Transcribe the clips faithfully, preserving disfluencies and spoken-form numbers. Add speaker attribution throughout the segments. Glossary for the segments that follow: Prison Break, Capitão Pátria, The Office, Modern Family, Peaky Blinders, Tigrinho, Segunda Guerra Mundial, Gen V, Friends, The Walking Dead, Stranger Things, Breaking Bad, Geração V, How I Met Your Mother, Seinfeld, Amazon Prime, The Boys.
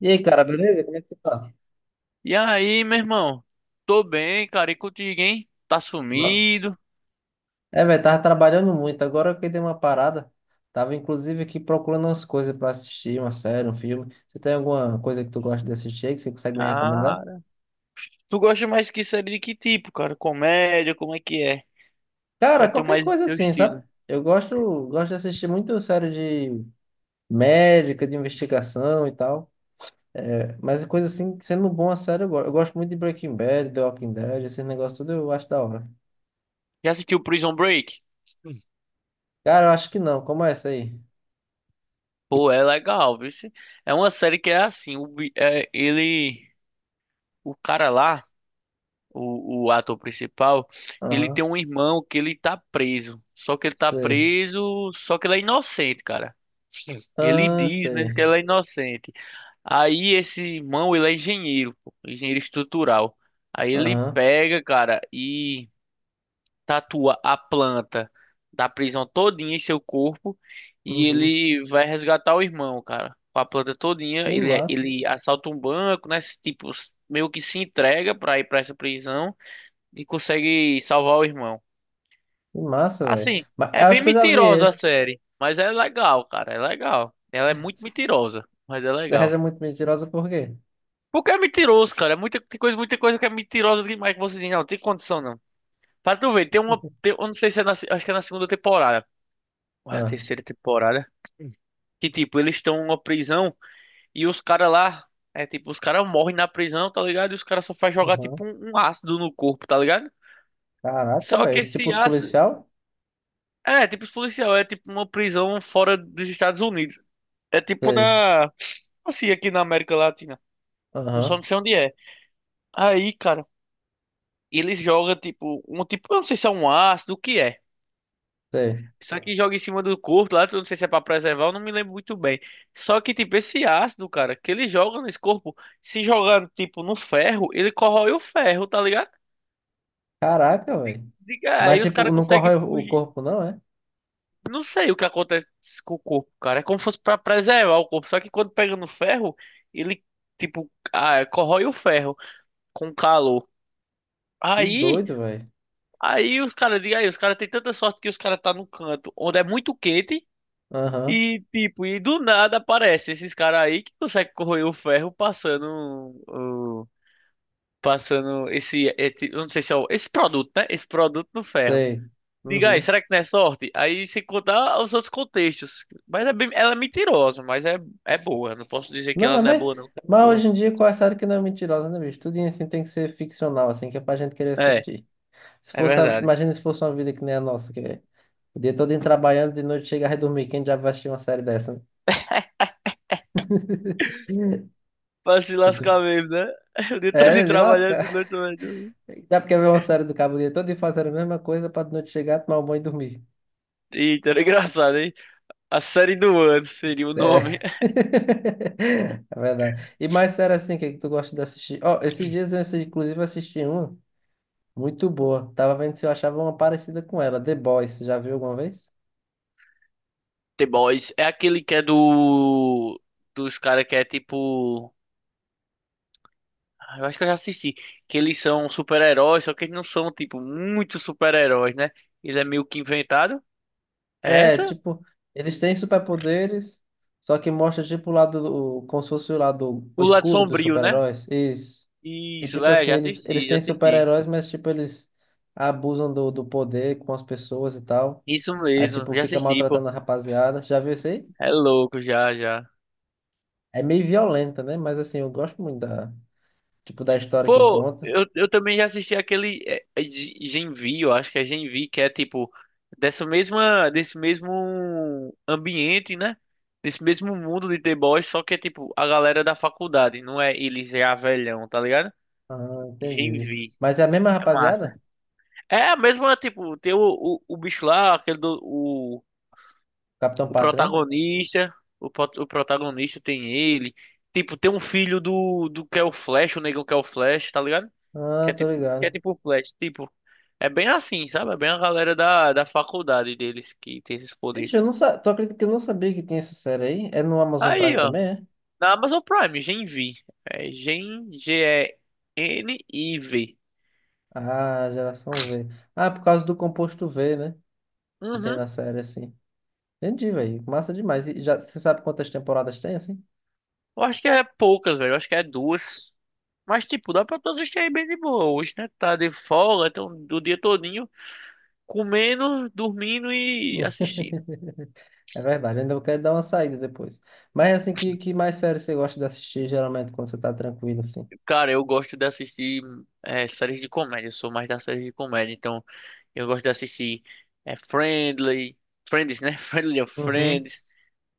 Speaker 1: E aí, cara, beleza? Como é que tu tá?
Speaker 2: E aí, meu irmão? Tô bem, cara. E contigo, hein? Tá
Speaker 1: Ba-
Speaker 2: sumido.
Speaker 1: É, velho, tava trabalhando muito. Agora que dei uma parada, tava inclusive aqui procurando umas coisas pra assistir, uma série, um filme. Você tem alguma coisa que tu gosta de assistir aí que você consegue me recomendar?
Speaker 2: Cara. Tu gosta mais que série de que tipo, cara? Comédia, como é que é? Qual
Speaker 1: Cara,
Speaker 2: é teu
Speaker 1: qualquer
Speaker 2: mais
Speaker 1: coisa
Speaker 2: teu
Speaker 1: assim, sabe?
Speaker 2: estilo?
Speaker 1: Eu gosto, gosto de assistir muito série de médica, de investigação e tal. Mas coisa assim, sendo bom a série, eu gosto. Eu gosto muito de Breaking Bad, The Walking Dead, esses negócios tudo eu acho da hora.
Speaker 2: Já assistiu Prison Break? Sim.
Speaker 1: Cara, eu acho que não. Como é essa aí?
Speaker 2: Pô, é legal, viu? Se- É uma série que é assim, o, bi- é, ele, o cara lá, o, o ator principal, ele
Speaker 1: Aham,
Speaker 2: tem um irmão que ele tá preso. Só que ele tá
Speaker 1: sei.
Speaker 2: preso, só que ele é inocente, cara. Sim. Ele
Speaker 1: Ah,
Speaker 2: diz mesmo que
Speaker 1: sei.
Speaker 2: ele é inocente. Aí esse irmão, ele é engenheiro, pô, engenheiro estrutural. Aí ele
Speaker 1: Aham.
Speaker 2: pega, cara, e tatua a planta da prisão todinha em seu corpo e
Speaker 1: Uhum.
Speaker 2: ele vai resgatar o irmão, cara. Com a planta todinha,
Speaker 1: Que
Speaker 2: ele é,
Speaker 1: massa.
Speaker 2: ele assalta um banco, né? Tipo, meio que se entrega pra ir pra essa prisão e consegue salvar o irmão.
Speaker 1: Que massa, velho.
Speaker 2: Assim,
Speaker 1: Mas eu
Speaker 2: é
Speaker 1: acho
Speaker 2: bem
Speaker 1: que eu já vi
Speaker 2: mentirosa a
Speaker 1: esse.
Speaker 2: série, mas é legal, cara, é legal. Ela é muito mentirosa, mas é
Speaker 1: Sérgio é
Speaker 2: legal.
Speaker 1: muito mentirosa por quê?
Speaker 2: Porque é mentiroso, cara. É. Muita tem coisa, muita coisa que é mentirosa demais, que você diz, não, não tem condição, não. Pra tu ver, tem uma. tem- eu não sei se é na, se- acho que é na segunda temporada. Ou é a
Speaker 1: Ah.
Speaker 2: terceira temporada. Que tipo, eles estão numa prisão e os caras lá. É tipo, os caras morrem na prisão, tá ligado? E os caras só faz jogar tipo
Speaker 1: Aham.
Speaker 2: um, um ácido no corpo, tá ligado?
Speaker 1: Caraca,
Speaker 2: Só que
Speaker 1: velho. Tipo
Speaker 2: esse
Speaker 1: os
Speaker 2: ácido.
Speaker 1: policial?
Speaker 2: É, tipo, os policial, é tipo uma prisão fora dos Estados Unidos. É tipo
Speaker 1: Sei.
Speaker 2: na. Assim, aqui na América Latina. Eu só não
Speaker 1: Aham.
Speaker 2: sei onde é. Aí, cara. E ele joga, tipo, um tipo, eu não sei se é um ácido, o que é.
Speaker 1: Sei.
Speaker 2: Só que joga em cima do corpo lá, eu não sei se é pra preservar, eu não me lembro muito bem. Só que, tipo, esse ácido, cara, que ele joga nesse corpo, se jogando, tipo, no ferro, ele corrói o ferro, tá ligado?
Speaker 1: Caraca,
Speaker 2: Di-
Speaker 1: velho.
Speaker 2: Diga,
Speaker 1: Mas
Speaker 2: aí os
Speaker 1: tipo,
Speaker 2: caras
Speaker 1: não
Speaker 2: conseguem
Speaker 1: corrói o o
Speaker 2: fugir.
Speaker 1: corpo, não, é?
Speaker 2: Não sei o que acontece com o corpo, cara. É como se fosse pra preservar o corpo. Só que quando pega no ferro, ele, tipo, ah, corrói o ferro com calor.
Speaker 1: Que
Speaker 2: Aí.
Speaker 1: doido, velho.
Speaker 2: Aí os caras, diga aí, os caras têm tanta sorte que os caras tá num canto onde é muito quente
Speaker 1: Aham.
Speaker 2: e tipo, e do nada aparece esses caras aí que conseguem corroer o ferro passando o- passando esse, esse- eu não sei se é o, esse produto, né? Esse produto no ferro.
Speaker 1: Sei.
Speaker 2: Diga aí,
Speaker 1: Uhum.
Speaker 2: será que não é sorte? Aí sem contar os outros contextos. Mas é bem, ela é mentirosa, mas é é boa. Não posso dizer que
Speaker 1: Não,
Speaker 2: ela
Speaker 1: é
Speaker 2: não é
Speaker 1: mais.
Speaker 2: boa, não, que ela é
Speaker 1: Mas
Speaker 2: boa.
Speaker 1: hoje em dia, qual é a série que não é mentirosa, né, bicho? Tudo assim tem que ser ficcional, assim, que é pra gente querer
Speaker 2: É,
Speaker 1: assistir. Se
Speaker 2: é
Speaker 1: fosse a-
Speaker 2: verdade.
Speaker 1: Imagina se fosse uma vida que nem a nossa, que o dia todo indo trabalhando, de noite chega a dormir. Quem já vai assistir uma série dessa? Né?
Speaker 2: Pra se
Speaker 1: E tu-
Speaker 2: lascar mesmo, né? O dia
Speaker 1: é,
Speaker 2: todo
Speaker 1: de
Speaker 2: trabalhando
Speaker 1: lasca.
Speaker 2: de noite, velho.
Speaker 1: Já porque ver uma série do cabo o dia todo e fazer a mesma coisa para de noite chegar, tomar um banho e dormir.
Speaker 2: Eita, era engraçado, hein? A série do ano seria o nome.
Speaker 1: É. É verdade. E mais sério assim, o que é que tu gosta de assistir? Ó, esses dias eu assi- inclusive assisti uma muito boa. Tava vendo se eu achava uma parecida com ela, The Boys. Já viu alguma vez?
Speaker 2: The Boys é aquele que é do. Dos caras que é tipo. Ah, Eu acho que eu já assisti. Que eles são super-heróis, só que eles não são, tipo, muito super-heróis, né? Ele é meio que inventado. É
Speaker 1: É,
Speaker 2: essa?
Speaker 1: tipo, eles têm superpoderes, só que mostra tipo o lado, do- como se fosse o lado
Speaker 2: O lado
Speaker 1: escuro dos
Speaker 2: sombrio, né?
Speaker 1: super-heróis. Isso. E
Speaker 2: Isso,
Speaker 1: tipo
Speaker 2: é,
Speaker 1: assim,
Speaker 2: já
Speaker 1: eles, eles
Speaker 2: assisti, já
Speaker 1: têm
Speaker 2: assisti.
Speaker 1: super-heróis, mas tipo, eles abusam do, do poder com as pessoas e tal.
Speaker 2: Isso
Speaker 1: Aí
Speaker 2: mesmo,
Speaker 1: tipo,
Speaker 2: já
Speaker 1: fica
Speaker 2: assisti, pô.
Speaker 1: maltratando a rapaziada. Já viu isso aí?
Speaker 2: É louco, já, já.
Speaker 1: É meio violenta, né? Mas assim, eu gosto muito da, tipo, da história que
Speaker 2: Pô,
Speaker 1: conta.
Speaker 2: eu, eu também já assisti aquele é, é G- Gen V, eu acho que é Gen V, que é tipo dessa mesma, desse mesmo ambiente, né? Desse mesmo mundo de The Boys, só que é tipo a galera da faculdade, não é eles já velhão, tá ligado?
Speaker 1: Ah,
Speaker 2: Gen
Speaker 1: entendi.
Speaker 2: V,
Speaker 1: Mas é a mesma
Speaker 2: é massa.
Speaker 1: rapaziada?
Speaker 2: É a mesma, tipo, tem o, o, o bicho lá, aquele do,
Speaker 1: Capitão
Speaker 2: o
Speaker 1: Pátria, né?
Speaker 2: protagonista, o, pro- o protagonista tem ele. Tipo, tem um filho do, do que é o Flash, o negão que é o Flash, tá ligado? Que
Speaker 1: Ah,
Speaker 2: é
Speaker 1: tô
Speaker 2: tipo, que é
Speaker 1: ligado.
Speaker 2: tipo o Flash, tipo. É bem assim, sabe? É bem a galera da, da faculdade deles que tem esses
Speaker 1: Vixe,
Speaker 2: poderes.
Speaker 1: eu não sa... Tu acredita que eu não sabia que tinha essa série aí? É no Amazon
Speaker 2: Aí,
Speaker 1: Prime
Speaker 2: ó.
Speaker 1: também, é?
Speaker 2: Na Amazon Prime, Gen V. É Gen, G E N I V.
Speaker 1: Ah, geração V. Ah, por causa do composto V, né? Que tem
Speaker 2: Uhum.
Speaker 1: na série, assim. Entendi, velho. Massa demais. E já, você sabe quantas temporadas tem, assim?
Speaker 2: Eu acho que é poucas, velho. Eu acho que é duas. Mas, tipo, dá pra todos assistir aí bem de boa. Hoje, né? Tá de folga, então do dia todo comendo, dormindo e assistindo.
Speaker 1: É verdade, ainda eu quero dar uma saída depois. Mas, assim, que, que mais série você gosta de assistir, geralmente, quando você tá tranquilo, assim?
Speaker 2: Cara, eu gosto de assistir é, séries de comédia. Eu sou mais da série de comédia. Então, eu gosto de assistir é, Friendly. Friends, né? Friendly of
Speaker 1: Uhum,
Speaker 2: Friends.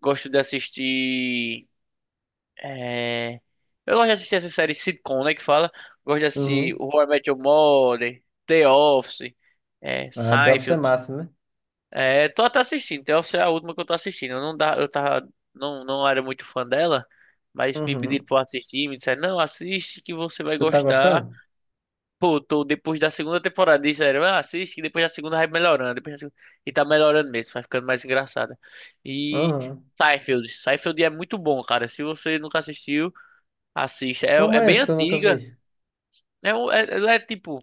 Speaker 2: Gosto de assistir. É, Eu gosto de assistir essa série sitcom, né? Que fala. Gosto de assistir
Speaker 1: uhum.
Speaker 2: How I Met Your Mother, The Office, é,
Speaker 1: Ah, The Office é
Speaker 2: Seinfeld.
Speaker 1: massa, né?
Speaker 2: É, tô até assistindo. Essa é a última que eu tô assistindo. Eu não dá, eu tava, não, não era muito fã dela, mas me pediram
Speaker 1: Uhum.
Speaker 2: pra eu assistir, me disseram, não, assiste que você vai
Speaker 1: Tu tá
Speaker 2: gostar.
Speaker 1: gostando?
Speaker 2: Pô, tô depois da segunda temporada, disseram, ah, assiste que depois da segunda vai melhorando. Depois da segunda... E tá melhorando mesmo, vai ficando mais engraçada. E
Speaker 1: Uhum.
Speaker 2: Seinfeld. Seinfeld é muito bom, cara. Se você nunca assistiu, assista.
Speaker 1: Como
Speaker 2: É, é
Speaker 1: é
Speaker 2: bem
Speaker 1: esse que eu nunca
Speaker 2: antiga.
Speaker 1: vi?
Speaker 2: É, um- é, ela é tipo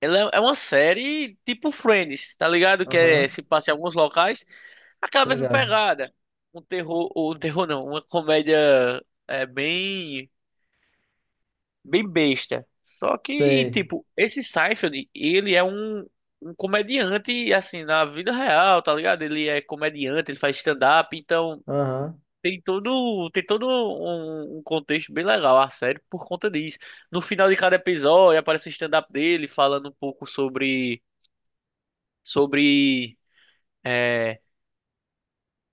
Speaker 2: Ela é é uma série tipo Friends, tá ligado? Que
Speaker 1: Aham,
Speaker 2: é,
Speaker 1: tá
Speaker 2: se passa em alguns locais, aquela mesma
Speaker 1: ligado.
Speaker 2: pegada. Um terror, ou um terror não, uma comédia é, bem, bem besta. Só que,
Speaker 1: Sei.
Speaker 2: tipo, esse Seinfeld, ele é um, um comediante, assim, na vida real, tá ligado? Ele é comediante, ele faz stand-up, então
Speaker 1: Aham.
Speaker 2: tem todo, tem todo um, um contexto bem legal a série por conta disso. No final de cada episódio aparece o stand-up dele falando um pouco sobre sobre, é,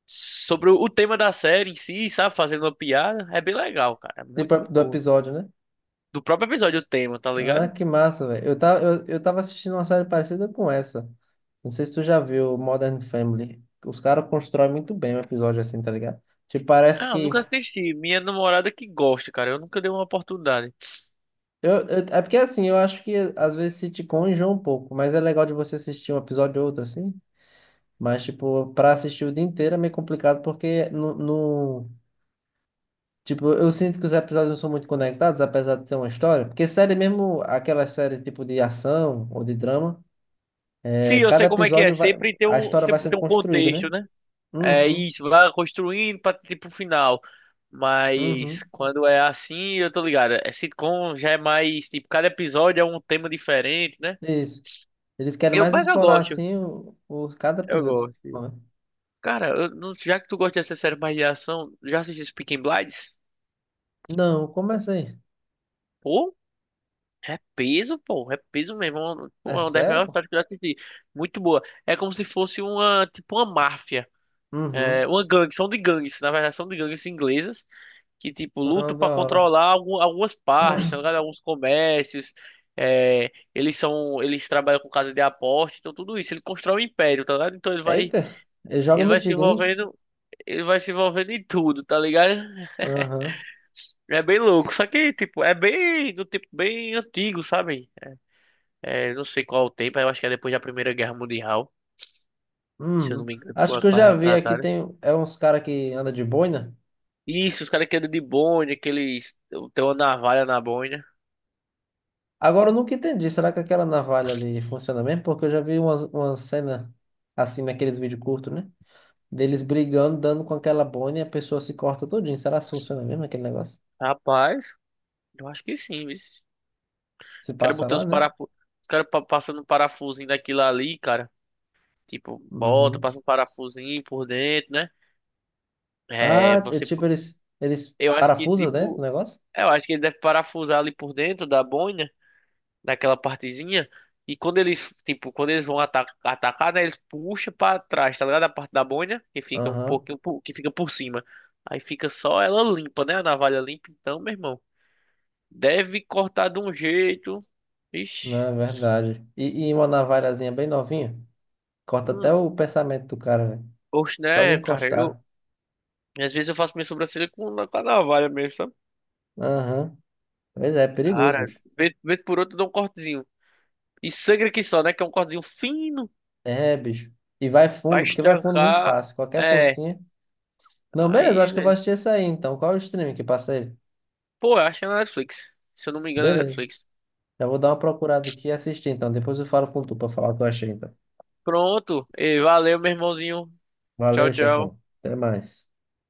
Speaker 2: sobre o tema da série em si, sabe? Fazendo uma piada. É bem legal, cara. É muito,
Speaker 1: Tipo,
Speaker 2: muito
Speaker 1: do
Speaker 2: boa.
Speaker 1: episódio, né?
Speaker 2: Do próprio episódio, o tema, tá ligado?
Speaker 1: Ah, que massa, velho. Eu tava, eu, eu tava assistindo uma série parecida com essa. Não sei se tu já viu Modern Family. Os caras constroem muito bem o episódio assim, tá ligado? Tipo, parece
Speaker 2: Ah, eu nunca
Speaker 1: que.
Speaker 2: assisti. Minha namorada que gosta, cara. Eu nunca dei uma oportunidade.
Speaker 1: Eu, eu- é porque assim, eu acho que às vezes sitcom enjoa um pouco, mas é legal de você assistir um episódio ou outro, assim. Mas, tipo, pra assistir o dia inteiro é meio complicado, porque no, no- tipo, eu sinto que os episódios não são muito conectados, apesar de ter uma história. Porque série mesmo, aquela série tipo de ação ou de drama.
Speaker 2: Sim,
Speaker 1: É,
Speaker 2: eu
Speaker 1: cada
Speaker 2: sei como é que é.
Speaker 1: episódio vai,
Speaker 2: Sempre tem
Speaker 1: a
Speaker 2: um,
Speaker 1: história vai
Speaker 2: sempre
Speaker 1: sendo
Speaker 2: tem um
Speaker 1: construída,
Speaker 2: contexto,
Speaker 1: né?
Speaker 2: né? É
Speaker 1: Uhum,
Speaker 2: isso, vai construindo pra, tipo, o final. Mas
Speaker 1: uhum.
Speaker 2: quando é assim, eu tô ligado. É sitcom já é mais, tipo, cada episódio é um tema diferente, né?
Speaker 1: Isso. Eles querem
Speaker 2: Eu,
Speaker 1: mais
Speaker 2: mas eu
Speaker 1: explorar
Speaker 2: gosto.
Speaker 1: assim o, o- cada
Speaker 2: Eu
Speaker 1: episódio.
Speaker 2: gosto. Cara, eu não- já que tu gosta dessa série mais de ação, já assististe Peaky Blinders?
Speaker 1: Não, começa aí.
Speaker 2: Pô, é peso, pô, é peso mesmo. É uma
Speaker 1: É assim? É
Speaker 2: pô, é uma das
Speaker 1: sério,
Speaker 2: melhores
Speaker 1: pô?
Speaker 2: séries que eu já assisti. Muito boa. É como se fosse uma, tipo, uma máfia. É
Speaker 1: Uhum.
Speaker 2: uma gangue, são de gangues, na verdade, são de gangues inglesas que, tipo,
Speaker 1: Ah,
Speaker 2: lutam pra
Speaker 1: da hora.
Speaker 2: controlar algu- algumas partes, tá ligado? Alguns comércios. É, eles são, eles trabalham com casa de aposta, então tudo isso. Ele constrói um império, tá ligado? Então ele vai,
Speaker 1: Eita, ele joga
Speaker 2: ele
Speaker 1: no
Speaker 2: vai se
Speaker 1: Tigrinho.
Speaker 2: envolvendo, ele vai se envolvendo em tudo, tá ligado?
Speaker 1: Aham.
Speaker 2: É bem louco, só que, tipo, é bem do tipo bem antigo, sabe? É, não sei qual é o tempo, eu acho que é depois da Primeira Guerra Mundial, se eu não
Speaker 1: Uhum.
Speaker 2: me engano, com
Speaker 1: Acho
Speaker 2: a,
Speaker 1: que eu
Speaker 2: com a
Speaker 1: já vi aqui,
Speaker 2: retratada.
Speaker 1: tem é uns caras que anda de boina.
Speaker 2: Isso, os caras que andam de bonde, aqueles. Tem uma navalha na boina.
Speaker 1: Agora eu nunca entendi. Será que aquela navalha ali funciona mesmo? Porque eu já vi umas, umas cenas assim naqueles vídeos curtos, né? Deles brigando, dando com aquela bone e a pessoa se corta todinho. Será que funciona mesmo aquele negócio?
Speaker 2: Rapaz, eu acho que sim, viu? Os
Speaker 1: Se
Speaker 2: caras
Speaker 1: passa
Speaker 2: botando
Speaker 1: lá,
Speaker 2: os
Speaker 1: né?
Speaker 2: parafusos. Os caras pa- passando um parafusinho daquilo ali, cara. Tipo, bota,
Speaker 1: Uhum.
Speaker 2: passa um parafusinho por dentro, né? É,
Speaker 1: Ah, é
Speaker 2: você.
Speaker 1: tipo, eles, eles
Speaker 2: Eu acho que,
Speaker 1: parafusam, né? O
Speaker 2: tipo.
Speaker 1: negócio?
Speaker 2: Eu acho que ele deve parafusar ali por dentro da boina. naquela partezinha. E quando eles, tipo, quando eles vão ata- atacar, né, eles puxam pra trás, tá ligado? A parte da boina, que fica um
Speaker 1: Aham.
Speaker 2: pouquinho, por- que fica por cima. Aí fica só ela limpa, né? A navalha limpa. Então, meu irmão, deve cortar de um jeito.
Speaker 1: Não,
Speaker 2: Ixi.
Speaker 1: é verdade. E, e uma navalhazinha bem novinha. Corta até
Speaker 2: Hum,
Speaker 1: o pensamento do cara, velho.
Speaker 2: gosto,
Speaker 1: Só de
Speaker 2: né, cara? Eu,
Speaker 1: encostar.
Speaker 2: às vezes eu faço minha sobrancelha com, com a navalha mesmo, sabe?
Speaker 1: Aham. Pois é, é
Speaker 2: Cara,
Speaker 1: perigoso, bicho.
Speaker 2: vez, vez por outra eu dou um cortezinho. E sangra que só, né? Que é um cortezinho fino
Speaker 1: É, bicho. E vai
Speaker 2: pra
Speaker 1: fundo, porque vai fundo muito
Speaker 2: estancar.
Speaker 1: fácil. Qualquer
Speaker 2: É.
Speaker 1: forcinha. Não, beleza, eu
Speaker 2: Aí,
Speaker 1: acho que eu vou assistir esse aí, então. Qual é o streaming que passa ele?
Speaker 2: Pô, eu acho que é na Netflix. Se eu não me engano, é
Speaker 1: Beleza.
Speaker 2: Netflix.
Speaker 1: Já vou dar uma procurada aqui e assistir, então. Depois eu falo com tu pra falar o que eu achei, então.
Speaker 2: Pronto. E valeu, meu irmãozinho. Tchau,
Speaker 1: Valeu,
Speaker 2: tchau.
Speaker 1: chefão. Até mais.